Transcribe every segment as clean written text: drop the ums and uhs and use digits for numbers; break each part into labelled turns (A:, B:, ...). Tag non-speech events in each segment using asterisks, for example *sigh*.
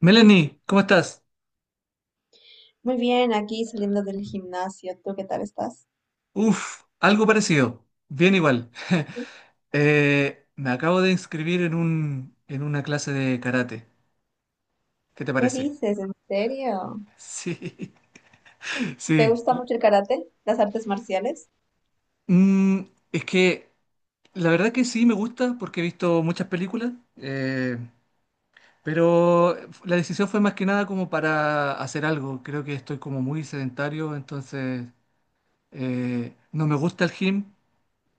A: Melanie, ¿cómo estás?
B: Muy bien, aquí saliendo del gimnasio. ¿Tú qué tal estás?
A: Uf, algo parecido, bien igual. *laughs* Me acabo de inscribir en una clase de karate. ¿Qué te
B: ¿Qué
A: parece?
B: dices? ¿En serio?
A: Sí, *laughs*
B: ¿Te
A: sí.
B: gusta mucho el karate? ¿Las artes marciales?
A: Mm, es que la verdad que sí me gusta porque he visto muchas películas, pero la decisión fue más que nada como para hacer algo. Creo que estoy como muy sedentario, entonces no me gusta el gym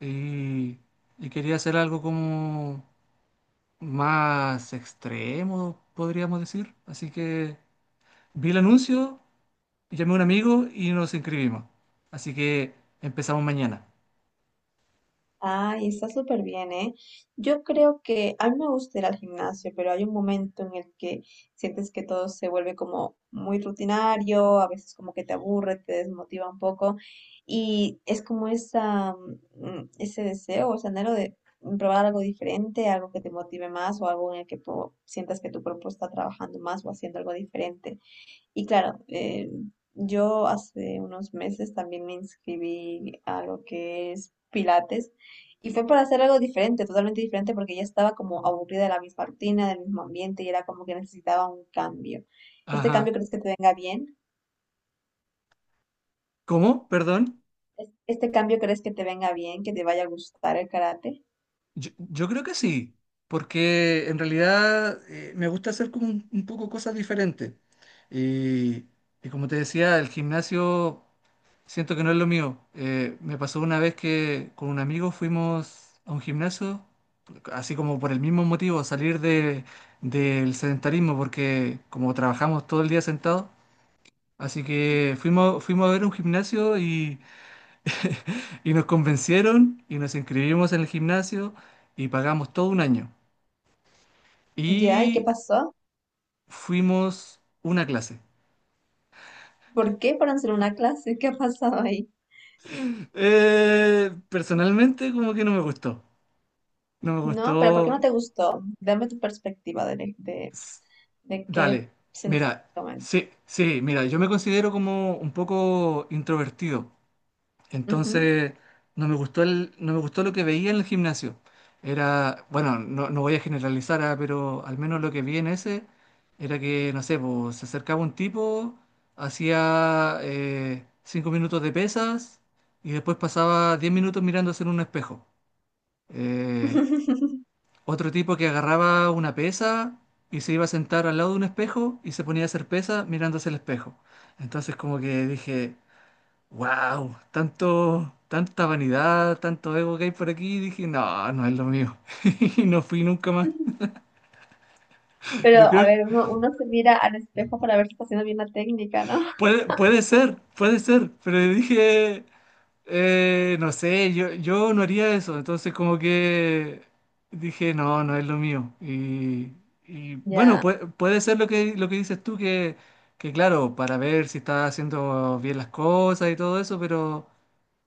A: y, y quería hacer algo como más extremo, podríamos decir. Así que vi el anuncio, llamé a un amigo y nos inscribimos. Así que empezamos mañana.
B: Ay, está súper bien, ¿eh? Yo creo que a mí me gusta ir al gimnasio, pero hay un momento en el que sientes que todo se vuelve como muy rutinario, a veces como que te aburre, te desmotiva un poco y es como esa, ese deseo, ese anhelo de probar algo diferente, algo que te motive más o algo en el que sientas que tu cuerpo está trabajando más o haciendo algo diferente. Y claro, yo hace unos meses también me inscribí a lo que es Pilates y fue para hacer algo diferente, totalmente diferente, porque ya estaba como aburrida de la misma rutina, del mismo ambiente y era como que necesitaba un cambio. ¿Este cambio
A: Ajá.
B: crees que te venga bien?
A: ¿Cómo? Perdón.
B: ¿Este cambio crees que te venga bien, que te vaya a gustar el karate?
A: Yo creo que sí, porque en realidad me gusta hacer como un poco cosas diferentes. Y, y como te decía, el gimnasio siento que no es lo mío. Me pasó una vez que con un amigo fuimos a un gimnasio, así como por el mismo motivo, salir del sedentarismo, porque como trabajamos todo el día sentados, así que fuimos a ver un gimnasio. *laughs* Y nos convencieron y nos inscribimos en el gimnasio y pagamos todo un año.
B: ¿Ya? ¿Y qué
A: Y
B: pasó?
A: fuimos una clase.
B: ¿Por qué fueron solo una clase? ¿Qué ha pasado ahí?
A: Personalmente como que no me gustó. No me
B: No, pero ¿por qué
A: gustó.
B: no te gustó? Dame tu perspectiva de, de,
A: S-
B: de qué
A: Dale,
B: sentiste
A: mira,
B: en este
A: sí, sí, mira, yo me considero como un poco introvertido.
B: momento.
A: Entonces, no me gustó no me gustó lo que veía en el gimnasio. Era, bueno, no, no voy a generalizar, ah, pero al menos lo que vi en ese era que, no sé, pues, se acercaba un tipo, hacía 5 minutos de pesas y después pasaba 10 minutos mirándose en un espejo. Eh,
B: *laughs*
A: Otro tipo que agarraba una pesa y se iba a sentar al lado de un espejo y se ponía a hacer pesa mirándose el espejo. Entonces, como que dije: Wow, tanto, tanta vanidad, tanto ego que hay por aquí, dije, no, no es lo mío. *laughs* Y no fui nunca más.
B: Pero,
A: Yo
B: a
A: creo,
B: ver, uno se mira al espejo para ver si está haciendo bien la técnica, ¿no? *laughs*
A: puede ser, pero dije, no sé, yo no haría eso. Entonces como que dije, no, no es lo mío. Y bueno,
B: Ya.
A: puede ser lo que dices tú, que claro, para ver si está haciendo bien las cosas y todo eso, pero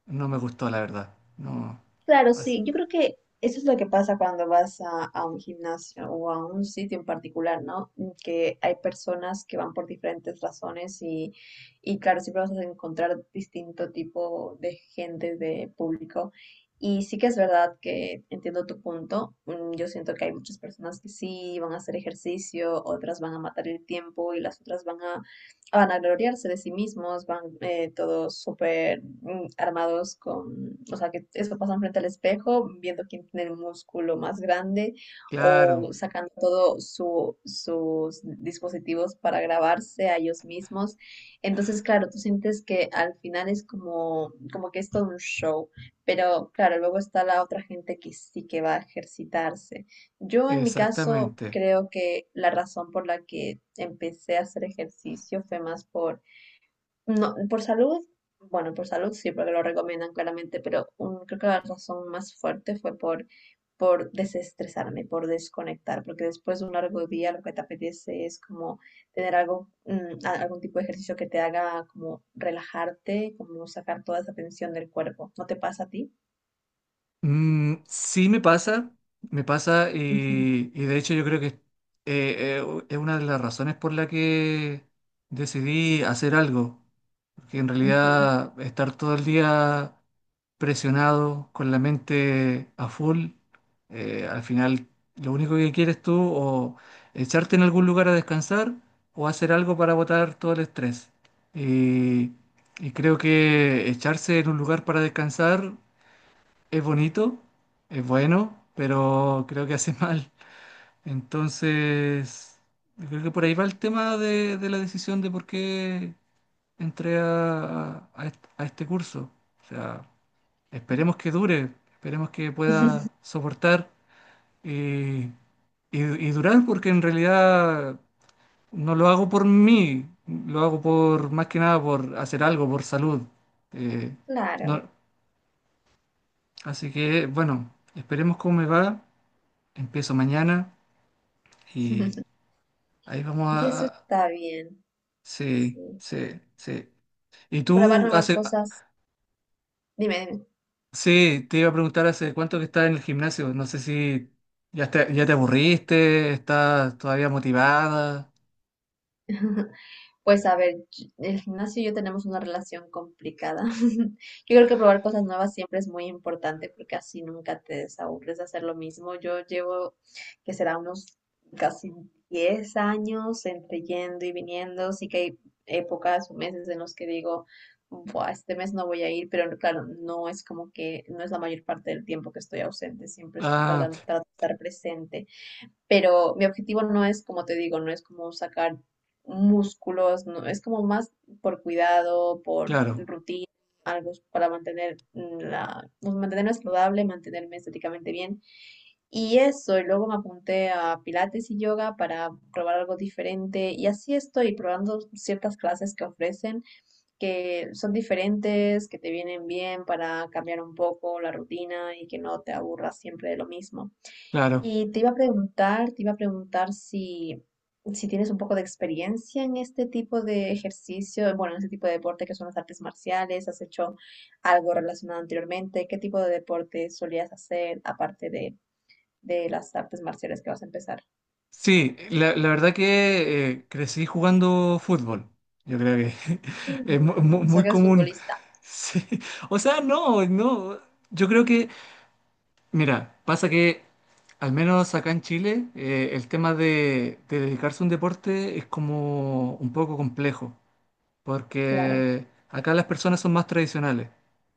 A: no me gustó, la verdad. No,
B: Claro,
A: así,
B: sí, yo creo que eso es lo que pasa cuando vas a un gimnasio o a un sitio en particular, ¿no? Que hay personas que van por diferentes razones y claro, siempre vas a encontrar distinto tipo de gente, de público. Y sí que es verdad que entiendo tu punto. Yo siento que hay muchas personas que sí van a hacer ejercicio, otras van a matar el tiempo y las otras van a gloriarse de sí mismos, van todos súper armados con o sea, que eso pasa frente al espejo, viendo quién tiene el músculo más grande
A: claro.
B: o sacando todos sus dispositivos para grabarse a ellos mismos. Entonces, claro, tú sientes que al final es como que es todo un show, pero claro, luego está la otra gente que sí que va a ejercitarse. Yo en mi caso
A: Exactamente.
B: creo que la razón por la que empecé a hacer ejercicio fue más por no, por salud, bueno, por salud sí, porque lo recomiendan claramente, pero creo que la razón más fuerte fue por desestresarme, por desconectar, porque después de un largo día lo que te apetece es como tener algo, algún tipo de ejercicio que te haga como relajarte, como sacar toda esa tensión del cuerpo. ¿No te pasa a ti?
A: Mm, sí me pasa
B: Ujú,
A: y de hecho yo creo que es una de las razones por la que decidí hacer algo, porque en
B: ujú.
A: realidad estar todo el día presionado con la mente a full, al final lo único que quieres tú o echarte en algún lugar a descansar o hacer algo para botar todo el estrés. Y, y creo que echarse en un lugar para descansar es bonito, es bueno, pero creo que hace *laughs* mal. Entonces, yo creo que por ahí va el tema de la decisión de por qué entré a este curso. O sea, esperemos que dure, esperemos que pueda
B: *laughs*
A: soportar y, y- y durar, porque en realidad no lo hago por mí, lo hago por más que nada por hacer algo, por salud. Eh,
B: Claro.
A: no- Así que, bueno, esperemos cómo me va. Empiezo mañana y
B: *laughs*
A: ahí vamos
B: Y
A: a...
B: eso está bien,
A: Sí,
B: sí.
A: sí, sí. Y
B: Probar
A: tú
B: nuevas
A: hace...
B: cosas. Dime, dime.
A: Sí, te iba a preguntar hace cuánto que estás en el gimnasio. No sé si ya te aburriste, estás todavía motivada.
B: *laughs* Pues a ver, el gimnasio y yo tenemos una relación complicada. *laughs* Yo creo que probar cosas nuevas siempre es muy importante porque así nunca te desaburres de hacer lo mismo. Yo llevo, que será unos casi 10 años entre yendo y viniendo. Sí que hay épocas o meses en los que digo, Buah, este mes no voy a ir, pero claro, no es como que no es la mayor parte del tiempo que estoy ausente. Siempre
A: Ah,
B: trato de estar presente, pero mi objetivo no es, como te digo, no es como sacar músculos, no, es como más por cuidado, por
A: claro,
B: rutina, algo para mantener la, pues, mantenerme saludable, mantenerme estéticamente bien. Y eso, y luego me apunté a pilates y yoga para probar algo diferente. Y así estoy probando ciertas clases que ofrecen, que son diferentes, que te vienen bien para cambiar un poco la rutina y que no te aburras siempre de lo mismo.
A: claro.
B: Y te iba a preguntar si, si tienes un poco de experiencia en este tipo de ejercicio, bueno, en este tipo de deporte que son las artes marciales. ¿Has hecho algo relacionado anteriormente? ¿Qué tipo de deporte solías hacer aparte de las artes marciales que vas a empezar?
A: Sí, la verdad que crecí jugando fútbol. Yo creo que *laughs* es
B: O sea,
A: muy
B: que eres
A: común. *laughs*
B: futbolista,
A: Sí. O sea, no, no. Yo creo que... Mira, pasa que al menos acá en Chile el tema de dedicarse a un deporte es como un poco complejo,
B: claro.
A: porque acá las personas son más tradicionales.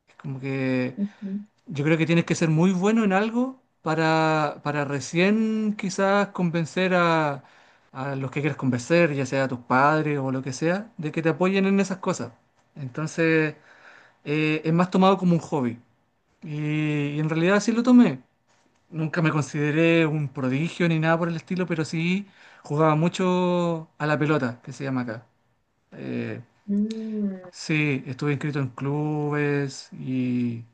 A: Es como que
B: Ujú.
A: yo creo que tienes que ser muy bueno en algo para recién quizás convencer a los que quieres convencer, ya sea a tus padres o lo que sea, de que te apoyen en esas cosas. Entonces es más tomado como un hobby. Y en realidad sí lo tomé. Nunca me consideré un prodigio ni nada por el estilo, pero sí jugaba mucho a la pelota, que se llama acá. Eh,
B: Mm,
A: sí, estuve inscrito en clubes y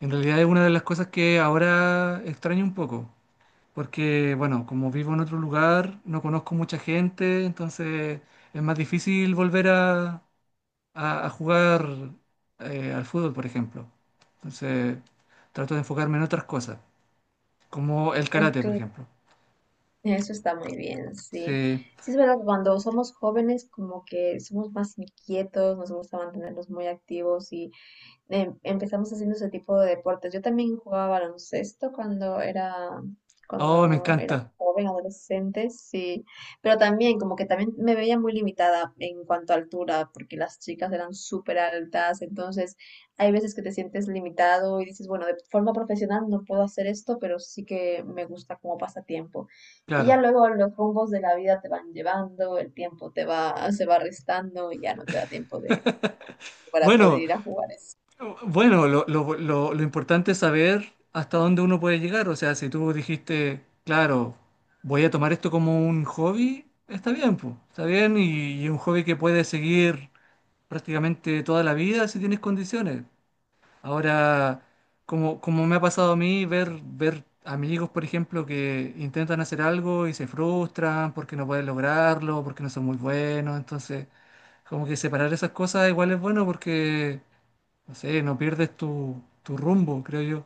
A: en realidad es una de las cosas que ahora extraño un poco, porque bueno, como vivo en otro lugar, no conozco mucha gente, entonces es más difícil volver a jugar al fútbol, por ejemplo. Entonces trato de enfocarme en otras cosas, como el
B: eh,
A: karate, por
B: cl-
A: ejemplo.
B: Eso está muy bien, sí.
A: Sí.
B: Sí, es verdad que cuando somos jóvenes como que somos más inquietos, nos gusta mantenernos muy activos y empezamos haciendo ese tipo de deportes. Yo también jugaba baloncesto cuando era,
A: Oh, me
B: cuando era
A: encanta,
B: joven, adolescente, sí, pero también como que también me veía muy limitada en cuanto a altura, porque las chicas eran súper altas, entonces hay veces que te sientes limitado y dices, bueno, de forma profesional no puedo hacer esto, pero sí que me gusta como pasatiempo. Y ya
A: claro.
B: luego los rumbos de la vida te van llevando, el tiempo te va, se va restando y ya no te da tiempo de para poder
A: Bueno,
B: ir a jugar eso.
A: bueno, lo importante es saber hasta dónde uno puede llegar. O sea, si tú dijiste, claro, voy a tomar esto como un hobby, está bien, pues, está bien y un hobby que puedes seguir prácticamente toda la vida si tienes condiciones. Ahora, como me ha pasado a mí, ver amigos, por ejemplo, que intentan hacer algo y se frustran porque no pueden lograrlo, porque no son muy buenos, entonces... Como que separar esas cosas igual es bueno porque, no sé, no pierdes tu rumbo, creo yo.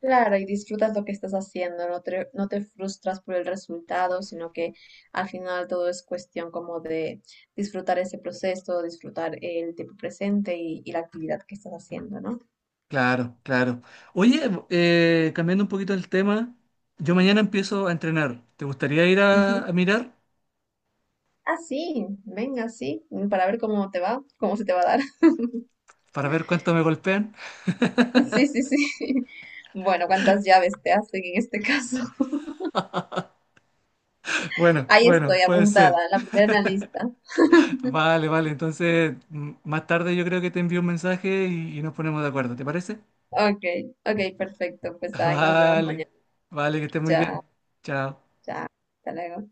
B: Claro, y disfrutas lo que estás haciendo, no te frustras por el resultado, sino que al final todo es cuestión como de disfrutar ese proceso, disfrutar el tiempo presente y la actividad que estás haciendo, ¿no?
A: Claro, claro. Oye, cambiando un poquito el tema, yo mañana empiezo a entrenar. ¿Te gustaría ir
B: Ujú.
A: a mirar
B: Ah, sí, venga, sí, para ver cómo te va, cómo se te va a dar. *laughs*
A: para ver cuánto me golpean? *laughs*
B: Sí, sí, sí. *laughs* Bueno, ¿cuántas llaves te hacen en este caso? *laughs*
A: Bueno,
B: Ahí
A: bueno,
B: estoy,
A: puede
B: apuntada,
A: ser.
B: la primera en la lista.
A: Vale, vale. Entonces, más tarde yo creo que te envío un mensaje y nos ponemos de acuerdo. ¿Te parece?
B: Ok, ok, perfecto, pues
A: *laughs*
B: ahí nos vemos
A: Vale,
B: mañana.
A: vale, que estés muy bien.
B: Chao,
A: Chao.
B: chao, hasta luego.